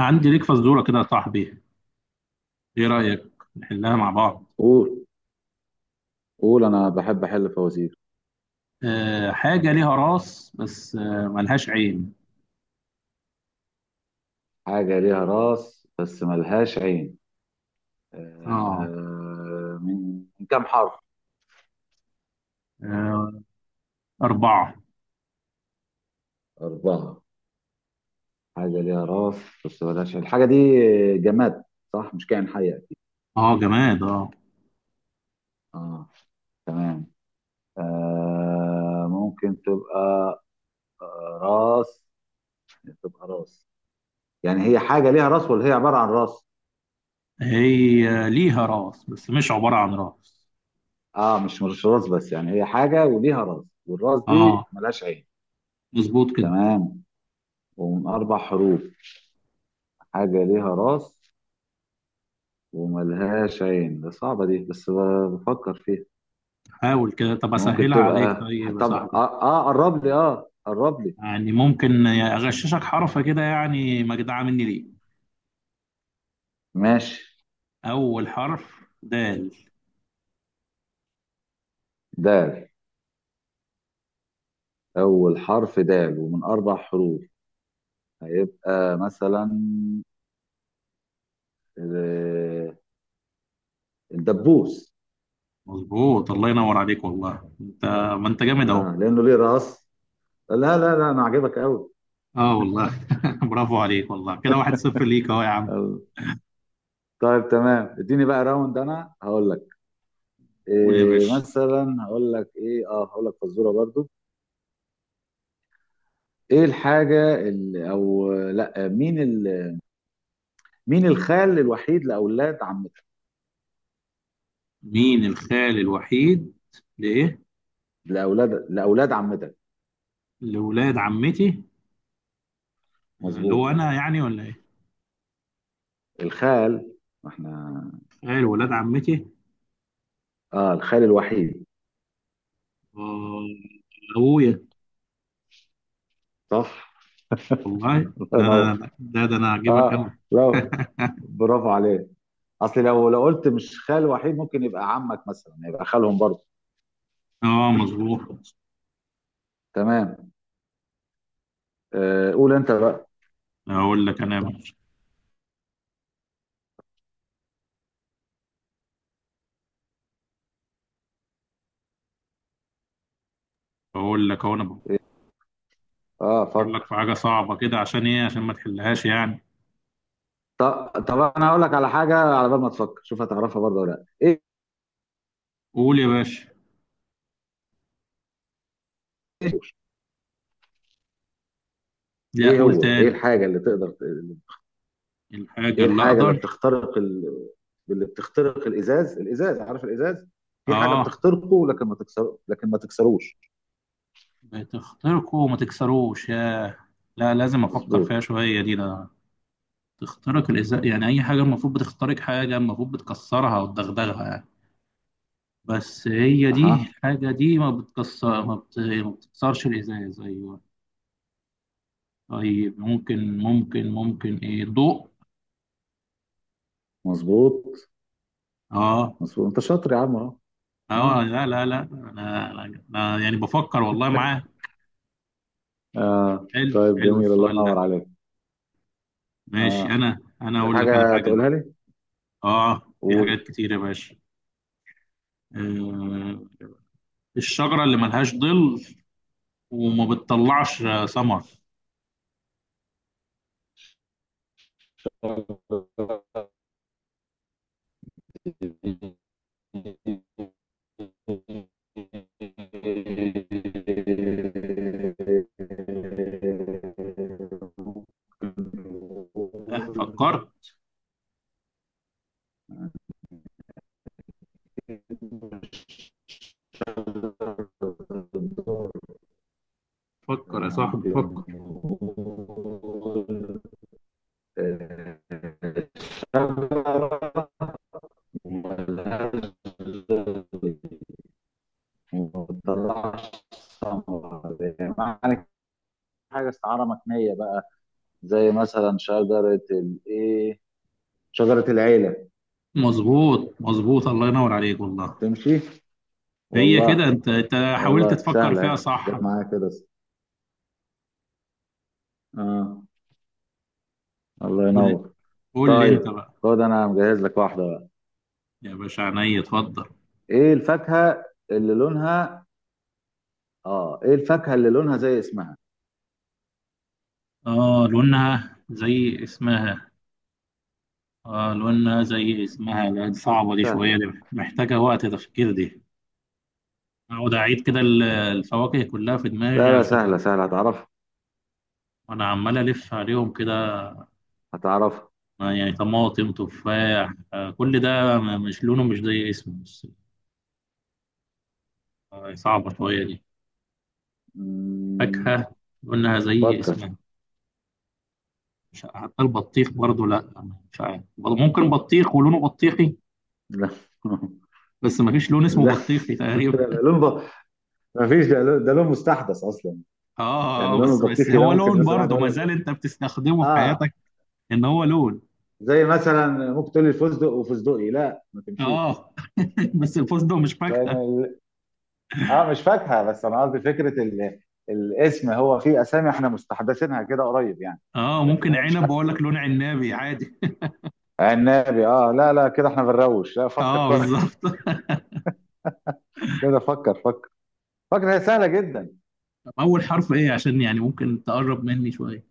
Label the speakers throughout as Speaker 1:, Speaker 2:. Speaker 1: عندي ليك فزورة كده يا صاحبي. ايه رأيك؟ نحلها مع بعض.
Speaker 2: قول قول، انا بحب احل فوازير.
Speaker 1: أه، حاجة ليها راس بس ملهاش عين.
Speaker 2: حاجه ليها راس بس ملهاش عين.
Speaker 1: اه،
Speaker 2: من كام حرف؟
Speaker 1: آه، أربعة.
Speaker 2: اربعه. حاجه ليها راس بس ملهاش عين. الحاجه دي جماد، صح؟ مش كائن حي اكيد.
Speaker 1: اه، جماد، اه.
Speaker 2: اه. تمام. آه ممكن تبقى آه، راس تبقى راس. يعني هي حاجه ليها راس، ولا هي عباره عن راس؟
Speaker 1: هي ليها راس بس مش عبارة عن راس.
Speaker 2: اه، مش راس، بس يعني هي حاجه وليها راس، والراس
Speaker 1: اه،
Speaker 2: دي ملهاش عين.
Speaker 1: مظبوط كده.
Speaker 2: تمام، ومن 4 حروف. حاجة ليها راس وملهاش عين، ده صعبة دي، بس بفكر فيها.
Speaker 1: حاول كده، طب
Speaker 2: ممكن
Speaker 1: أسهلها عليك
Speaker 2: تبقى.
Speaker 1: طيب يا
Speaker 2: طب
Speaker 1: صاحبي.
Speaker 2: قرب لي، قرب لي.
Speaker 1: يعني ممكن أغششك حرف كده، يعني مجدعة مني ليه.
Speaker 2: ماشي.
Speaker 1: أول حرف دال.
Speaker 2: دال. أول حرف دال، ومن 4 حروف. هيبقى مثلا آه، الدبوس.
Speaker 1: مظبوط، الله ينور عليك والله انت. ما انت جامد اهو.
Speaker 2: اه، لأنه ليه راس. لا، لا، لا، أنا عاجبك أوي.
Speaker 1: اه والله برافو عليك والله، كده 1-0 ليك اهو يا عم.
Speaker 2: أوي. طيب، تمام، اديني بقى راوند، انا هقول لك.
Speaker 1: قول يا
Speaker 2: إيه
Speaker 1: باشا.
Speaker 2: مثلا هقول لك ايه اه هقول لك فزوره برضو. ايه الحاجة ال- او لا مين ال... مين الخال الوحيد لاولاد عمتك؟
Speaker 1: مين الخال الوحيد؟ لايه؟
Speaker 2: لاولاد عمتك.
Speaker 1: لولاد عمتي؟ آه، اللي
Speaker 2: مظبوط.
Speaker 1: هو انا يعني ولا ايه؟
Speaker 2: الخال. ما احنا.
Speaker 1: خال ولاد عمتي؟
Speaker 2: اه، الخال الوحيد.
Speaker 1: آه، ابويا.
Speaker 2: صح.
Speaker 1: والله
Speaker 2: الله
Speaker 1: ده
Speaker 2: ينور.
Speaker 1: انا، ده انا هجيبك
Speaker 2: اه،
Speaker 1: قوي.
Speaker 2: لا، برافو عليك. اصل لو قلت مش خال وحيد، ممكن يبقى عمك مثلا يبقى خالهم برضه.
Speaker 1: اه، مظبوط.
Speaker 2: تمام، قول انت بقى.
Speaker 1: اقول لك انا يا باشا. اقول لك اهو، انا بفكر
Speaker 2: اه،
Speaker 1: لك
Speaker 2: فكر.
Speaker 1: في حاجه صعبه كده، عشان ايه؟ عشان ما تحلهاش يعني.
Speaker 2: طب انا هقول لك على حاجه، على بال ما تفكر شوف هتعرفها برضه ولا لا ايه.
Speaker 1: قول يا باشا. لا،
Speaker 2: ايه
Speaker 1: قول
Speaker 2: هو ايه
Speaker 1: تاني،
Speaker 2: الحاجه
Speaker 1: قول.
Speaker 2: اللي تقدر.
Speaker 1: الحاجه
Speaker 2: ايه
Speaker 1: اللي
Speaker 2: الحاجه
Speaker 1: اقدر.
Speaker 2: اللي بتخترق الازاز، الازاز، عارف الازاز؟ في حاجه
Speaker 1: اه،
Speaker 2: بتخترقه، لكن ما تكسروش.
Speaker 1: بتخترقه وما تكسروش، ياه. لا، لازم افكر
Speaker 2: مظبوط.
Speaker 1: فيها شويه دي ده. تخترق الازاء، يعني اي حاجه المفروض بتخترق حاجه المفروض بتكسرها وتدغدغها يعني. بس هي دي،
Speaker 2: اها.
Speaker 1: الحاجه دي ما بتكسر، ما بتكسرش الازاز، ايوه. طيب ممكن ايه، ضوء.
Speaker 2: مظبوط،
Speaker 1: اه.
Speaker 2: مظبوط، انت شاطر يا عم اهو. اه،
Speaker 1: اه، لا لا لا، أنا يعني بفكر والله معاه.
Speaker 2: اه.
Speaker 1: حلو
Speaker 2: طيب
Speaker 1: حلو
Speaker 2: جميل، الله
Speaker 1: السؤال ده.
Speaker 2: ينور عليك.
Speaker 1: ماشي،
Speaker 2: اه،
Speaker 1: انا
Speaker 2: في
Speaker 1: اقول لك انا
Speaker 2: حاجه
Speaker 1: حاجه بقى.
Speaker 2: تقولها لي؟
Speaker 1: اه، في حاجات
Speaker 2: قول.
Speaker 1: كتير يا باشا. آه، الشجرة اللي ملهاش ظل وما بتطلعش ثمر. أه، فكرت. فكر يا صاحبي، فكر.
Speaker 2: معنى حاجه استعاره مكنيه بقى. زي مثلا شجرة الايه. شجرة العيلة.
Speaker 1: مظبوط مظبوط، الله ينور عليك والله.
Speaker 2: تمشي؟
Speaker 1: هي
Speaker 2: والله.
Speaker 1: كده انت حاولت
Speaker 2: والله
Speaker 1: تفكر
Speaker 2: سهلة
Speaker 1: فيها
Speaker 2: اهي،
Speaker 1: صح
Speaker 2: جت
Speaker 1: بقى.
Speaker 2: معايا كده. اه، الله
Speaker 1: قول،
Speaker 2: ينور.
Speaker 1: قول لي انت
Speaker 2: طيب
Speaker 1: بقى.
Speaker 2: خد، انا مجهز لك واحدة بقى.
Speaker 1: يا باشا عينيا، اتفضل.
Speaker 2: ايه الفاكهة اللي لونها اه، ايه الفاكهة اللي لونها زي اسمها؟
Speaker 1: اه، لونها زي اسمها. اه، لونها زي اسمها، لا دي صعبة دي شوية،
Speaker 2: سهلة.
Speaker 1: دي محتاجة وقت تفكير دي. اقعد اعيد كده الفواكه كلها في دماغي
Speaker 2: لا، لا، سهلة
Speaker 1: عشان.
Speaker 2: سهلة، هتعرفها
Speaker 1: انا عمال الف عليهم كده.
Speaker 2: هتعرفها.
Speaker 1: آه، يعني طماطم تفاح، كل ده. مش لونه مش زي اسمه بس. آه، صعبة شوية دي.
Speaker 2: مم.
Speaker 1: فاكهة قلناها زي
Speaker 2: فكر.
Speaker 1: اسمها. مش حتى البطيخ برضو، لا. مش عارف برضو، ممكن بطيخ ولونه بطيخي.
Speaker 2: لا
Speaker 1: بس ما فيش لون اسمه
Speaker 2: لا
Speaker 1: بطيخي
Speaker 2: لا،
Speaker 1: تقريبا.
Speaker 2: لا، لون ما فيش، ده لون، ده لون مستحدث اصلا.
Speaker 1: اه،
Speaker 2: يعني
Speaker 1: آه،
Speaker 2: لون
Speaker 1: بس
Speaker 2: البطيخي ده،
Speaker 1: هو
Speaker 2: ممكن
Speaker 1: لون
Speaker 2: مثلا واحد
Speaker 1: برضو
Speaker 2: يقول
Speaker 1: ما
Speaker 2: لك
Speaker 1: زال
Speaker 2: ده.
Speaker 1: انت بتستخدمه في
Speaker 2: اه.
Speaker 1: حياتك. ان هو لون.
Speaker 2: زي مثلا. ممكن تقول لي الفستق وفستقي، لا، ما تمشيش.
Speaker 1: اه. بس الفستق مش
Speaker 2: لان
Speaker 1: فاكهة.
Speaker 2: اه، مش فاكهه، بس انا قصدي فكره الاسم، هو في اسامي احنا مستحدثينها كده قريب يعني.
Speaker 1: اه،
Speaker 2: لكن
Speaker 1: ممكن
Speaker 2: هي مش
Speaker 1: عنب
Speaker 2: حاجه.
Speaker 1: واقول لك لون عنابي عادي.
Speaker 2: عنابي. اه، لا، لا، كده احنا بنروش، لا، فكر
Speaker 1: اه
Speaker 2: كويس.
Speaker 1: بالظبط.
Speaker 2: كده فكر، فكر. فكر، هي سهله جدا.
Speaker 1: طب اول حرف ايه؟ عشان يعني ممكن تقرب مني شوية.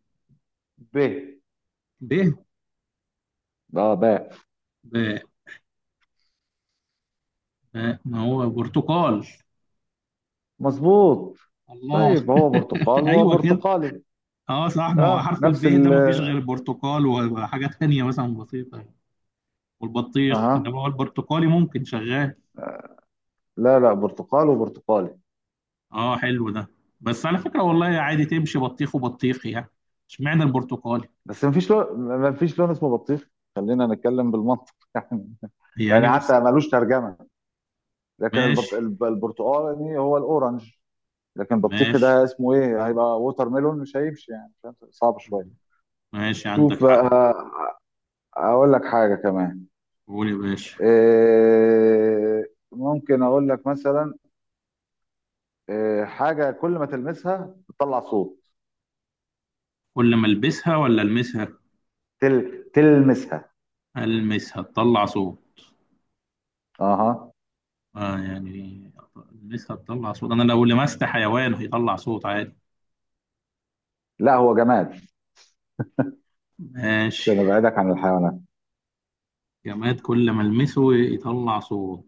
Speaker 2: ب.
Speaker 1: ب.
Speaker 2: اه، باء.
Speaker 1: ب- ما هو برتقال.
Speaker 2: مظبوط.
Speaker 1: الله.
Speaker 2: طيب، هو برتقال وهو
Speaker 1: ايوه كده.
Speaker 2: برتقالي.
Speaker 1: اه صح، ما هو
Speaker 2: اه،
Speaker 1: حرف
Speaker 2: نفس
Speaker 1: الب ده
Speaker 2: ال.
Speaker 1: ما فيش غير البرتقال وحاجة تانية مثلا بسيطة. والبطيخ
Speaker 2: اها.
Speaker 1: انما هو البرتقالي ممكن شغال.
Speaker 2: لا، لا، برتقال وبرتقالي.
Speaker 1: اه، حلو ده. بس على فكرة والله عادي تمشي بطيخ وبطيخ يعني. اشمعنى البرتقالي؟
Speaker 2: بس مفيش لون، مفيش لون اسمه بطيخ. خلينا نتكلم بالمنطق. يعني
Speaker 1: يعني بس.
Speaker 2: حتى ملوش ترجمه. لكن
Speaker 1: ماشي
Speaker 2: البرتقالي هو الاورنج. لكن البطيخي
Speaker 1: ماشي
Speaker 2: ده اسمه ايه، هيبقى ووتر ميلون، مش هيمشي يعني، فاهم؟ صعب شويه.
Speaker 1: ماشي، عندك
Speaker 2: شوف
Speaker 1: حق.
Speaker 2: بقى. اقول لك حاجه كمان.
Speaker 1: قول يا باشا.
Speaker 2: إيه، ممكن اقول لك مثلا. إيه حاجه كل ما تلمسها بتطلع صوت؟
Speaker 1: كل ما البسها ولا المسها؟
Speaker 2: تلمسها.
Speaker 1: المسها تطلع صوت.
Speaker 2: اها.
Speaker 1: اه يعني، لسه هتطلع صوت؟ انا لو لمست حيوان هيطلع صوت عادي.
Speaker 2: لا، هو جماد.
Speaker 1: ماشي.
Speaker 2: عشان ابعدك عن الحيوانات.
Speaker 1: جماد كل ما المسه يطلع صوت.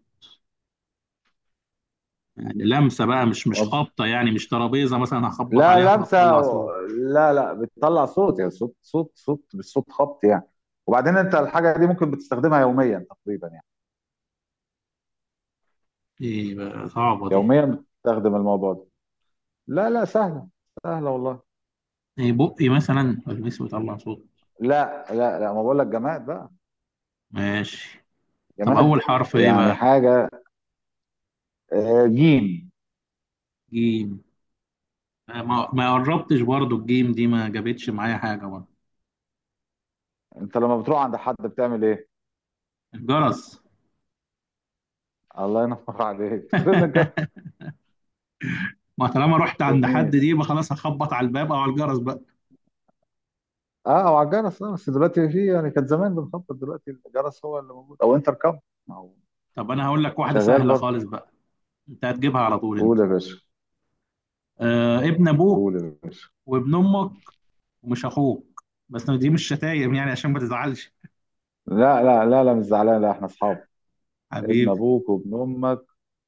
Speaker 1: يعني لمسه بقى، مش خبطه يعني، مش ترابيزه مثلا هخبط
Speaker 2: لا،
Speaker 1: عليها
Speaker 2: لمسه
Speaker 1: فتطلع صوت.
Speaker 2: لا، لا، بتطلع صوت، يعني صوت، صوت، صوت، مش صوت خبط يعني. وبعدين انت الحاجه دي ممكن بتستخدمها يوميا تقريبا يعني.
Speaker 1: ايه بقى صعبه دي.
Speaker 2: يوميا بتستخدم الموضوع ده. لا، لا، سهله. سهله والله.
Speaker 1: ايه بقي مثلا المسه يطلع صوت؟
Speaker 2: لا، لا، لا، ما بقول لك جماد بقى.
Speaker 1: ماشي. طب
Speaker 2: جماد.
Speaker 1: اول حرف ايه
Speaker 2: يعني
Speaker 1: بقى؟
Speaker 2: حاجه، جيم.
Speaker 1: جيم. آه، ما قربتش برضو، الجيم دي ما جابتش معايا حاجه برضو.
Speaker 2: انت لما بتروح عند حد بتعمل ايه؟
Speaker 1: الجرس.
Speaker 2: الله ينور عليك، بترن الجرس.
Speaker 1: ما طالما رحت عند حد دي
Speaker 2: جميل.
Speaker 1: يبقى خلاص هخبط على الباب او على الجرس بقى.
Speaker 2: اه، او على الجرس، بس دلوقتي في يعني كان زمان بنخبط، دلوقتي الجرس هو اللي موجود او انتركم. ما هو.
Speaker 1: طب انا هقول لك واحده
Speaker 2: شغال
Speaker 1: سهله
Speaker 2: برضه.
Speaker 1: خالص بقى. انت هتجيبها على طول انت.
Speaker 2: قول يا باشا.
Speaker 1: آه، ابن ابوك،
Speaker 2: قول يا باشا.
Speaker 1: وابن امك، ومش اخوك. بس دي مش شتايم يعني عشان ما تزعلش.
Speaker 2: لا، لا، لا، لا، مش زعلان، لا، احنا اصحاب. ابن
Speaker 1: حبيبي.
Speaker 2: ابوك وابن امك.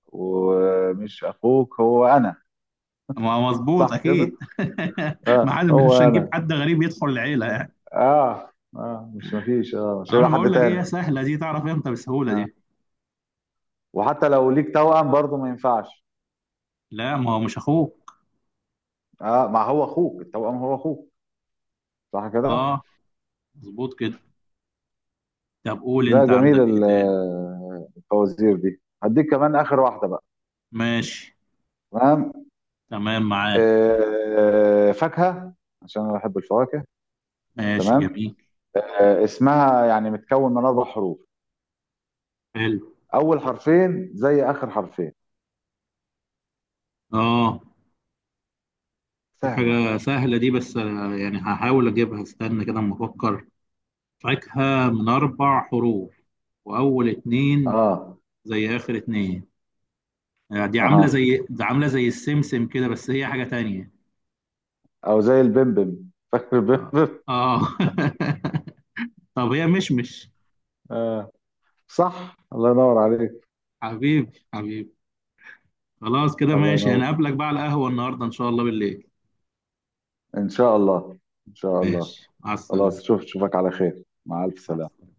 Speaker 2: ومش اخوك، هو انا.
Speaker 1: ما هو مظبوط
Speaker 2: صح كده.
Speaker 1: اكيد. ما
Speaker 2: اه،
Speaker 1: حد
Speaker 2: هو
Speaker 1: مش هنجيب
Speaker 2: انا.
Speaker 1: حد غريب يدخل العيله يعني.
Speaker 2: اه، اه، مش مفيش اه مش
Speaker 1: أو انا
Speaker 2: هيبقى حد
Speaker 1: بقول لك
Speaker 2: تاني.
Speaker 1: ايه سهله دي، تعرف امتى بسهوله دي.
Speaker 2: وحتى لو ليك توأم برضه ما ينفعش.
Speaker 1: لا، ما هو مش اخوك.
Speaker 2: اه، ما هو اخوك التوأم هو اخوك. صح كده.
Speaker 1: اه، مظبوط كده. طب قول
Speaker 2: ده
Speaker 1: انت،
Speaker 2: جميل
Speaker 1: عندك ايه تاني؟
Speaker 2: الفوازير دي هديك كمان اخر واحده بقى.
Speaker 1: ماشي.
Speaker 2: تمام.
Speaker 1: تمام معاه.
Speaker 2: فاكهه. عشان انا بحب الفواكه.
Speaker 1: ماشي
Speaker 2: تمام.
Speaker 1: جميل.
Speaker 2: اسمها يعني متكون من 4 حروف.
Speaker 1: حلو.
Speaker 2: اول حرفين زي اخر حرفين.
Speaker 1: اه، دي
Speaker 2: سهله.
Speaker 1: حاجه سهله دي، بس آه، يعني هحاول اجيبها، استنى كده اما افكر. فاكهة من أربع حروف، وأول اتنين
Speaker 2: اه.
Speaker 1: زي آخر اتنين. آه، دي عاملة
Speaker 2: اها.
Speaker 1: زي السمسم كده بس هي حاجة تانية.
Speaker 2: او زي البمبم، فاكر
Speaker 1: آه،
Speaker 2: البمبم؟
Speaker 1: آه. طب هي مشمش.
Speaker 2: آه. صح، الله ينور عليك.
Speaker 1: حبيبي حبيبي. خلاص كده
Speaker 2: الله
Speaker 1: ماشي،
Speaker 2: ينور.
Speaker 1: هنقابلك بقى على القهوة النهاردة إن شاء الله بالليل.
Speaker 2: ان شاء الله. ان شاء الله.
Speaker 1: ماشي، مع السلامة.
Speaker 2: خلاص، شوفك على خير، مع الف
Speaker 1: مع
Speaker 2: سلامه.
Speaker 1: السلامة.